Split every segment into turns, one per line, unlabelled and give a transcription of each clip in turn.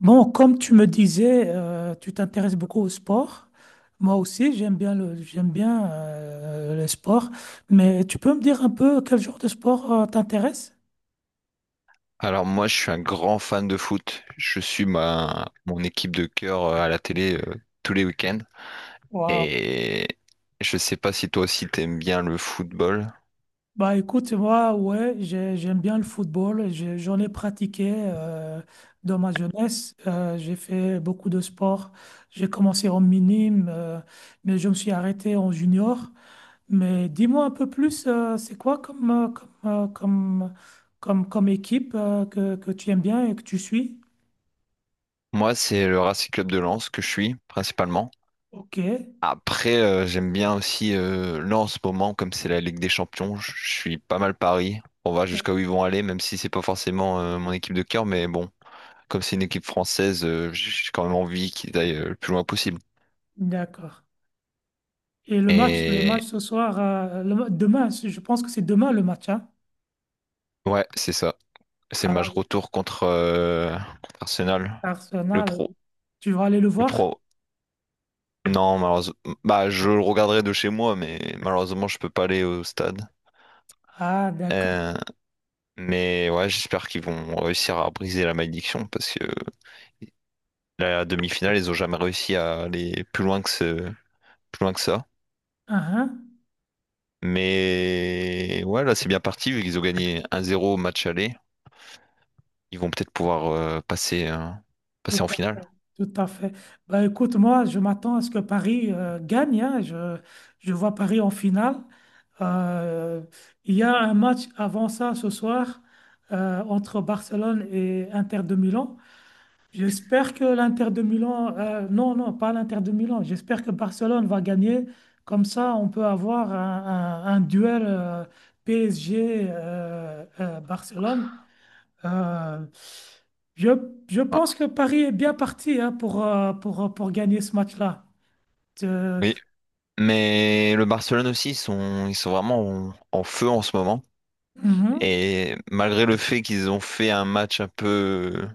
Bon, comme tu me disais, tu t'intéresses beaucoup au sport. Moi aussi, j'aime bien le sport. Mais tu peux me dire un peu quel genre de sport t'intéresse?
Alors moi, je suis un grand fan de foot. Je suis ma mon équipe de cœur à la télé tous les week-ends.
Wow.
Et je sais pas si toi aussi t'aimes bien le football.
Bah écoute, moi, ouais, j'aime bien le football. J'en ai pratiqué dans ma jeunesse. J'ai fait beaucoup de sport. J'ai commencé en minime, mais je me suis arrêté en junior. Mais dis-moi un peu plus, c'est quoi euh, comme, euh, comme, comme équipe que tu aimes bien et que tu suis?
Moi, c'est le Racing Club de Lens que je suis principalement.
Ok,
Après, j'aime bien aussi, là en ce moment, comme c'est la Ligue des Champions, je suis pas mal Paris. On va jusqu'à où ils vont aller, même si c'est pas forcément mon équipe de cœur, mais bon, comme c'est une équipe française, j'ai quand même envie qu'ils aillent le plus loin possible.
d'accord. Et le match
Et
ce soir, demain, je pense que c'est demain le match, hein?
ouais, c'est ça. C'est le
Ah,
match
oui.
retour contre, contre Arsenal, le
Arsenal,
pro,
tu vas aller le
le
voir?
pro. Non, malheureusement, bah je le regarderai de chez moi, mais malheureusement, je peux pas aller au stade.
Ah, d'accord.
Euh, mais ouais, j'espère qu'ils vont réussir à briser la malédiction parce que la demi-finale, ils ont jamais réussi à aller plus loin que ça.
Ah, hein?
Mais ouais, là, c'est bien parti, vu qu'ils ont gagné un zéro au match aller. Ils vont peut-être pouvoir passer
Tout
en
à
finale.
fait, tout à fait. Bah, écoute, moi, je m'attends à ce que Paris gagne, hein. Je vois Paris en finale. Euh, il y a un match avant ça ce soir entre Barcelone et Inter de Milan. J'espère que l'Inter de Milan, non, non, pas l'Inter de Milan. J'espère que Barcelone va gagner. Comme ça, on peut avoir un duel PSG-Barcelone. Euh, je, je
Ah,
pense que Paris est bien parti hein, pour gagner ce match-là. Euh,
oui. Mais le Barcelone aussi, ils sont vraiment en feu en ce moment.
mhm,
Et malgré le fait qu'ils ont fait un match un peu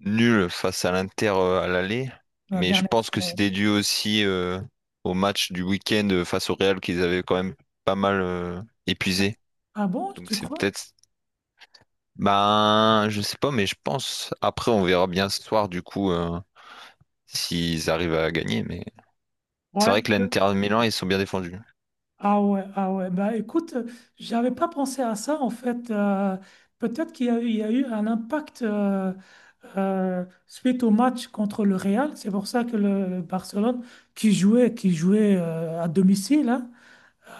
nul face à l'Inter à l'aller,
la
mais je
dernière
pense que
fois.
c'était dû aussi au match du week-end face au Real qu'ils avaient quand même pas mal épuisé.
Ah bon,
Donc
tu
c'est
crois?
peut-être... Ben, je sais pas, mais je pense... Après, on verra bien ce soir, du coup, s'ils arrivent à gagner. Mais c'est
Ouais.
vrai que l'Inter Milan, ils sont bien défendus.
Ah ouais, ah ouais. Bah écoute, j'avais pas pensé à ça en fait. Peut-être qu'il y a, eu il y a eu un impact suite au match contre le Real. C'est pour ça que le Barcelone, qui jouait à domicile, hein,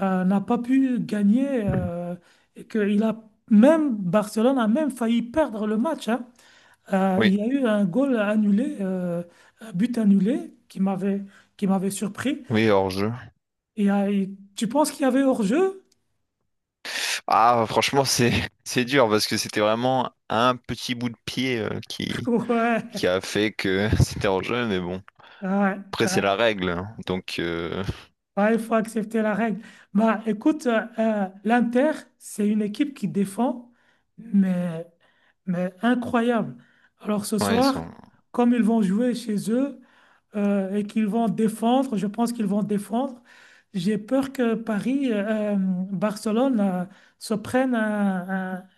n'a pas pu gagner et que il a même Barcelone a même failli perdre le match, hein.
Oui,
Il y a eu un but annulé qui m'avait surpris.
oui, hors-jeu.
Et, tu penses qu'il y avait hors-jeu?
Ah, franchement, c'est c'est dur parce que c'était vraiment un petit bout de pied euh, qui a fait que c'était en jeu, mais bon.
Ouais, ouais,
Après, c'est
ouais.
la règle, hein. Donc,
Ouais, il faut accepter la règle. Bah, écoute, l'Inter, c'est une équipe qui défend, mais incroyable. Alors ce
ouais,
soir, comme ils vont jouer chez eux, et qu'ils vont défendre. Je pense qu'ils vont défendre. J'ai peur que Barcelone, se prenne un, un-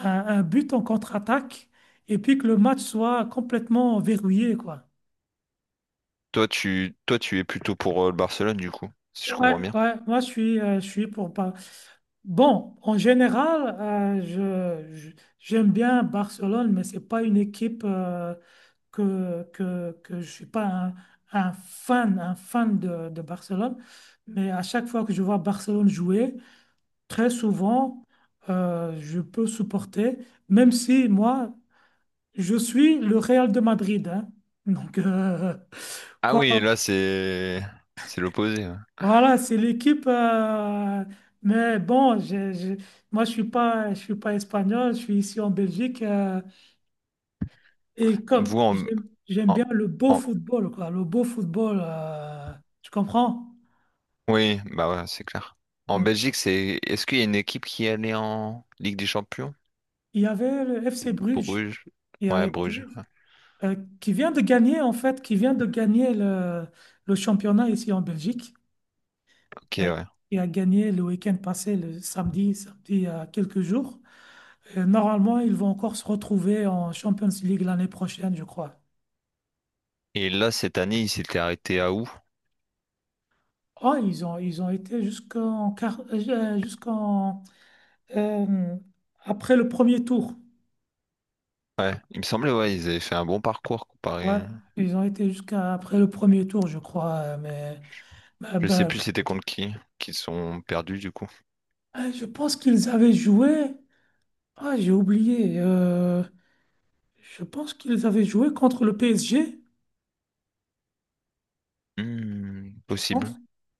un- un but en contre-attaque et puis que le match soit complètement verrouillé, quoi.
toi, tu es plutôt pour le Barcelone, du coup, si je
Ouais,
comprends bien.
ouais, je suis pour pas. Bon, en général, euh, je, je- j'aime bien Barcelone, mais c'est pas une équipe, que je ne suis pas un fan, de, Barcelone, mais à chaque fois que je vois Barcelone jouer, très souvent, je peux supporter, même si moi, je suis le Real de Madrid, hein. Donc,
Ah oui,
quand-
là, c'est l'opposé, ouais.
voilà, c'est l'équipe, mais bon, moi, je suis pas espagnol, je suis ici en Belgique, euh. Et comme
Vous en...
j'aime
en
bien le beau
en-
football, quoi, le beau football, tu comprends?
Oui, bah ouais, c'est clair. En
Ouais.
Belgique, c'est est-ce qu'il y a une équipe qui allait en Ligue des Champions?
Il y avait le FC Bruges,
Bruges.
il y
Ouais,
avait
Bruges.
Bruges, qui vient de gagner, en fait, qui vient de gagner le championnat ici en Belgique,
Ok,
qui a,
ouais.
qui a gagné le week-end passé, le samedi, samedi, il y a quelques jours. Et normalement, ils vont encore se retrouver en Champions League l'année prochaine, je crois.
Et là, cette année, il s'était arrêté à où?
Oh, ils ont été jusqu'en, euh, après le premier tour.
Ouais, il me semblait, ouais, ils avaient fait un bon parcours comparé,
Ouais,
hein.
ils ont été jusqu'à après le premier tour, je crois, euh. Mais
Je sais
ben,
plus c'était contre qui sont perdus du coup.
je pense qu'ils avaient joué. Ah, j'ai oublié, je pense qu'ils avaient joué contre le PSG,
Hmm,
je pense.
possible.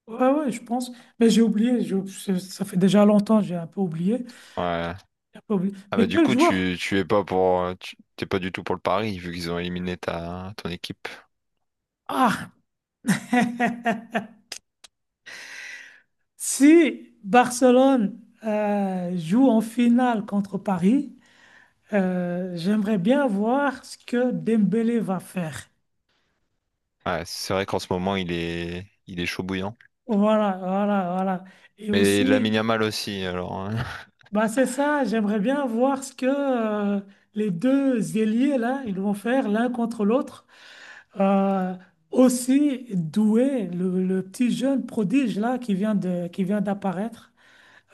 Ouais, ouais, je pense. Mais j'ai oublié. Ça fait déjà longtemps, j'ai un peu oublié.
Ouais. Ah
Mais
bah du
quel
coup,
joueur?
tu es pas pour, t'es pas du tout pour le pari vu qu'ils ont éliminé ton équipe.
Ah, si Barcelone joue en finale contre Paris, j'aimerais bien voir ce que Dembélé va faire.
Ouais, c'est vrai qu'en ce moment, il est chaud bouillant.
Voilà, voilà, voilà. Et
Mais
aussi,
Lamine Yamal aussi, alors, hein.
bah c'est ça, j'aimerais bien voir ce que euh, les deux ailiers, là, ils vont faire l'un contre l'autre. Euh, aussi doué, le petit jeune prodige, là, qui vient d'apparaître.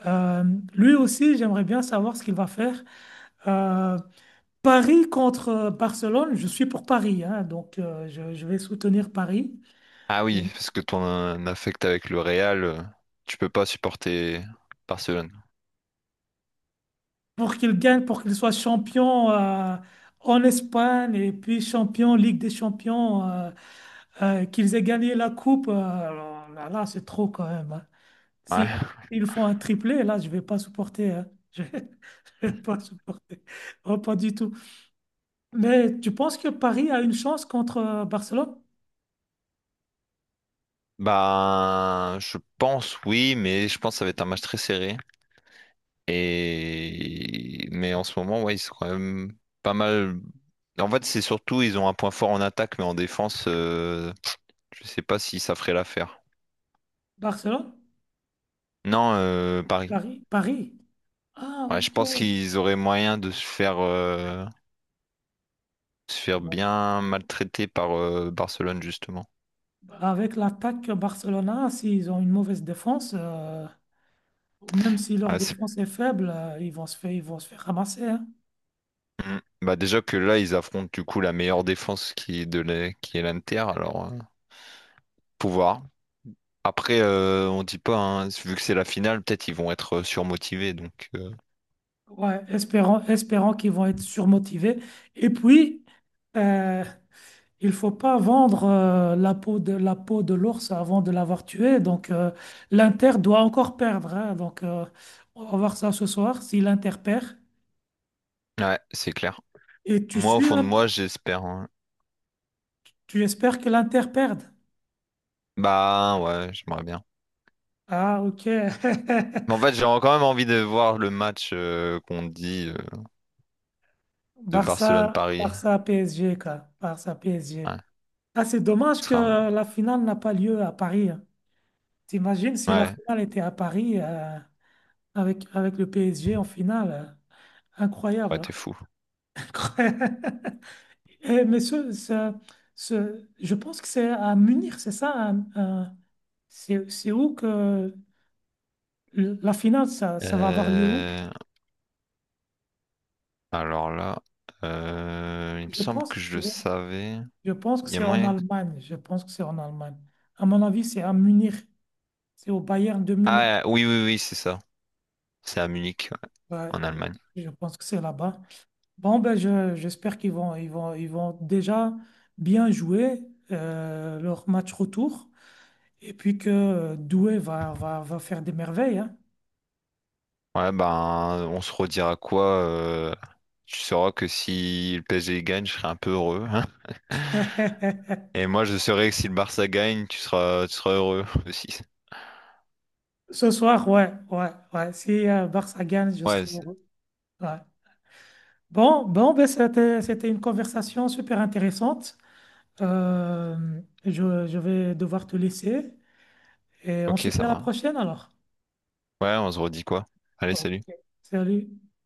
Euh, lui aussi, j'aimerais bien savoir ce qu'il va faire. Euh, Paris contre Barcelone, je suis pour Paris, hein, donc je vais soutenir Paris.
Ah oui, parce que ton affect avec le Real, tu peux pas supporter Barcelone.
Pour qu'il gagne, pour qu'il soit champion en Espagne et puis champion Ligue des Champions, qu'ils aient gagné la coupe, alors là, là, c'est trop quand même, hein.
Ouais.
Si ils font un triplé, là, je vais pas supporter, hein. Je vais je vais pas supporter. Oh, pas du tout. Mais tu penses que Paris a une chance contre Barcelone?
Bah, je pense oui, mais je pense que ça va être un match très serré. Et mais en ce moment, ouais, ils sont quand même pas mal. En fait, c'est surtout ils ont un point fort en attaque, mais en défense, je sais pas si ça ferait l'affaire.
Barcelone?
Non, Paris.
Paris? Paris. Ah,
Ouais, je
ok.
pense qu'ils auraient moyen de se faire
Bon.
bien maltraiter par Barcelone justement.
Avec l'attaque Barcelona, s'ils ont une mauvaise défense, même si leur
Ouais.
défense est faible, ils vont se faire ramasser, hein.
Mm. Bah déjà que là, ils affrontent du coup la meilleure défense qui est l'Inter, alors pouvoir. Après, on dit pas, hein, vu que c'est la finale, peut-être ils vont être surmotivés, donc
Ouais, espérant, espérant qu'ils vont être surmotivés. Et puis, euh, il faut pas vendre la peau de l'ours avant de l'avoir tué. Donc, l'Inter doit encore perdre, hein. Donc, on va voir ça ce soir. Si l'Inter perd,
ouais, c'est clair.
et tu
Moi, au
suis,
fond
là,
de moi, j'espère, hein.
tu espères que l'Inter perde.
Bah ouais, j'aimerais bien.
Ah, ok.
Mais en fait, j'ai quand même envie de voir le match qu'on dit de Barcelone-Paris.
Barça PSG quoi. Barça PSG.
Ouais,
Ah, c'est dommage
ce
que
sera un-
la finale n'a pas lieu à Paris, hein. T'imagines si la
ouais,
finale était à Paris avec le PSG en finale,
ouais,
incroyable.
t'es fou.
Incroyable. Eh, je pense que c'est à Munich, c'est ça, hein, c'est où que le- la finale, ça va avoir lieu où?
Euh, Alors là, il me
Je
semble
pense,
que je le
je,
savais.
je pense que
Il y a
c'est en
moyen.
Allemagne. Je pense que c'est en Allemagne. À mon avis, c'est à Munich. C'est au Bayern de Munich.
Ah oui, oui, oui, c'est ça. C'est à Munich, ouais,
Ouais,
en Allemagne.
je pense que c'est là-bas. Bon, ben j'espère qu'ils vont, ils vont, ils vont déjà bien jouer leur match retour et puis que Doué va faire des merveilles, hein.
Ouais, ben, on se redira quoi? Tu sauras que si le PSG gagne, je serai un peu heureux, hein. Et moi, je saurai que si le Barça gagne, tu seras heureux aussi.
Ce soir, ouais, ouais, ouais. Si Barça gagne, je serai
Ouais, c'est-
heureux. Ouais. Bon, bon, ben c'était une conversation super intéressante. Je vais devoir te laisser et on se
ok,
dit
ça
à la
va.
prochaine alors.
Ouais, on se redit quoi? Allez,
Ok.
salut.
Salut.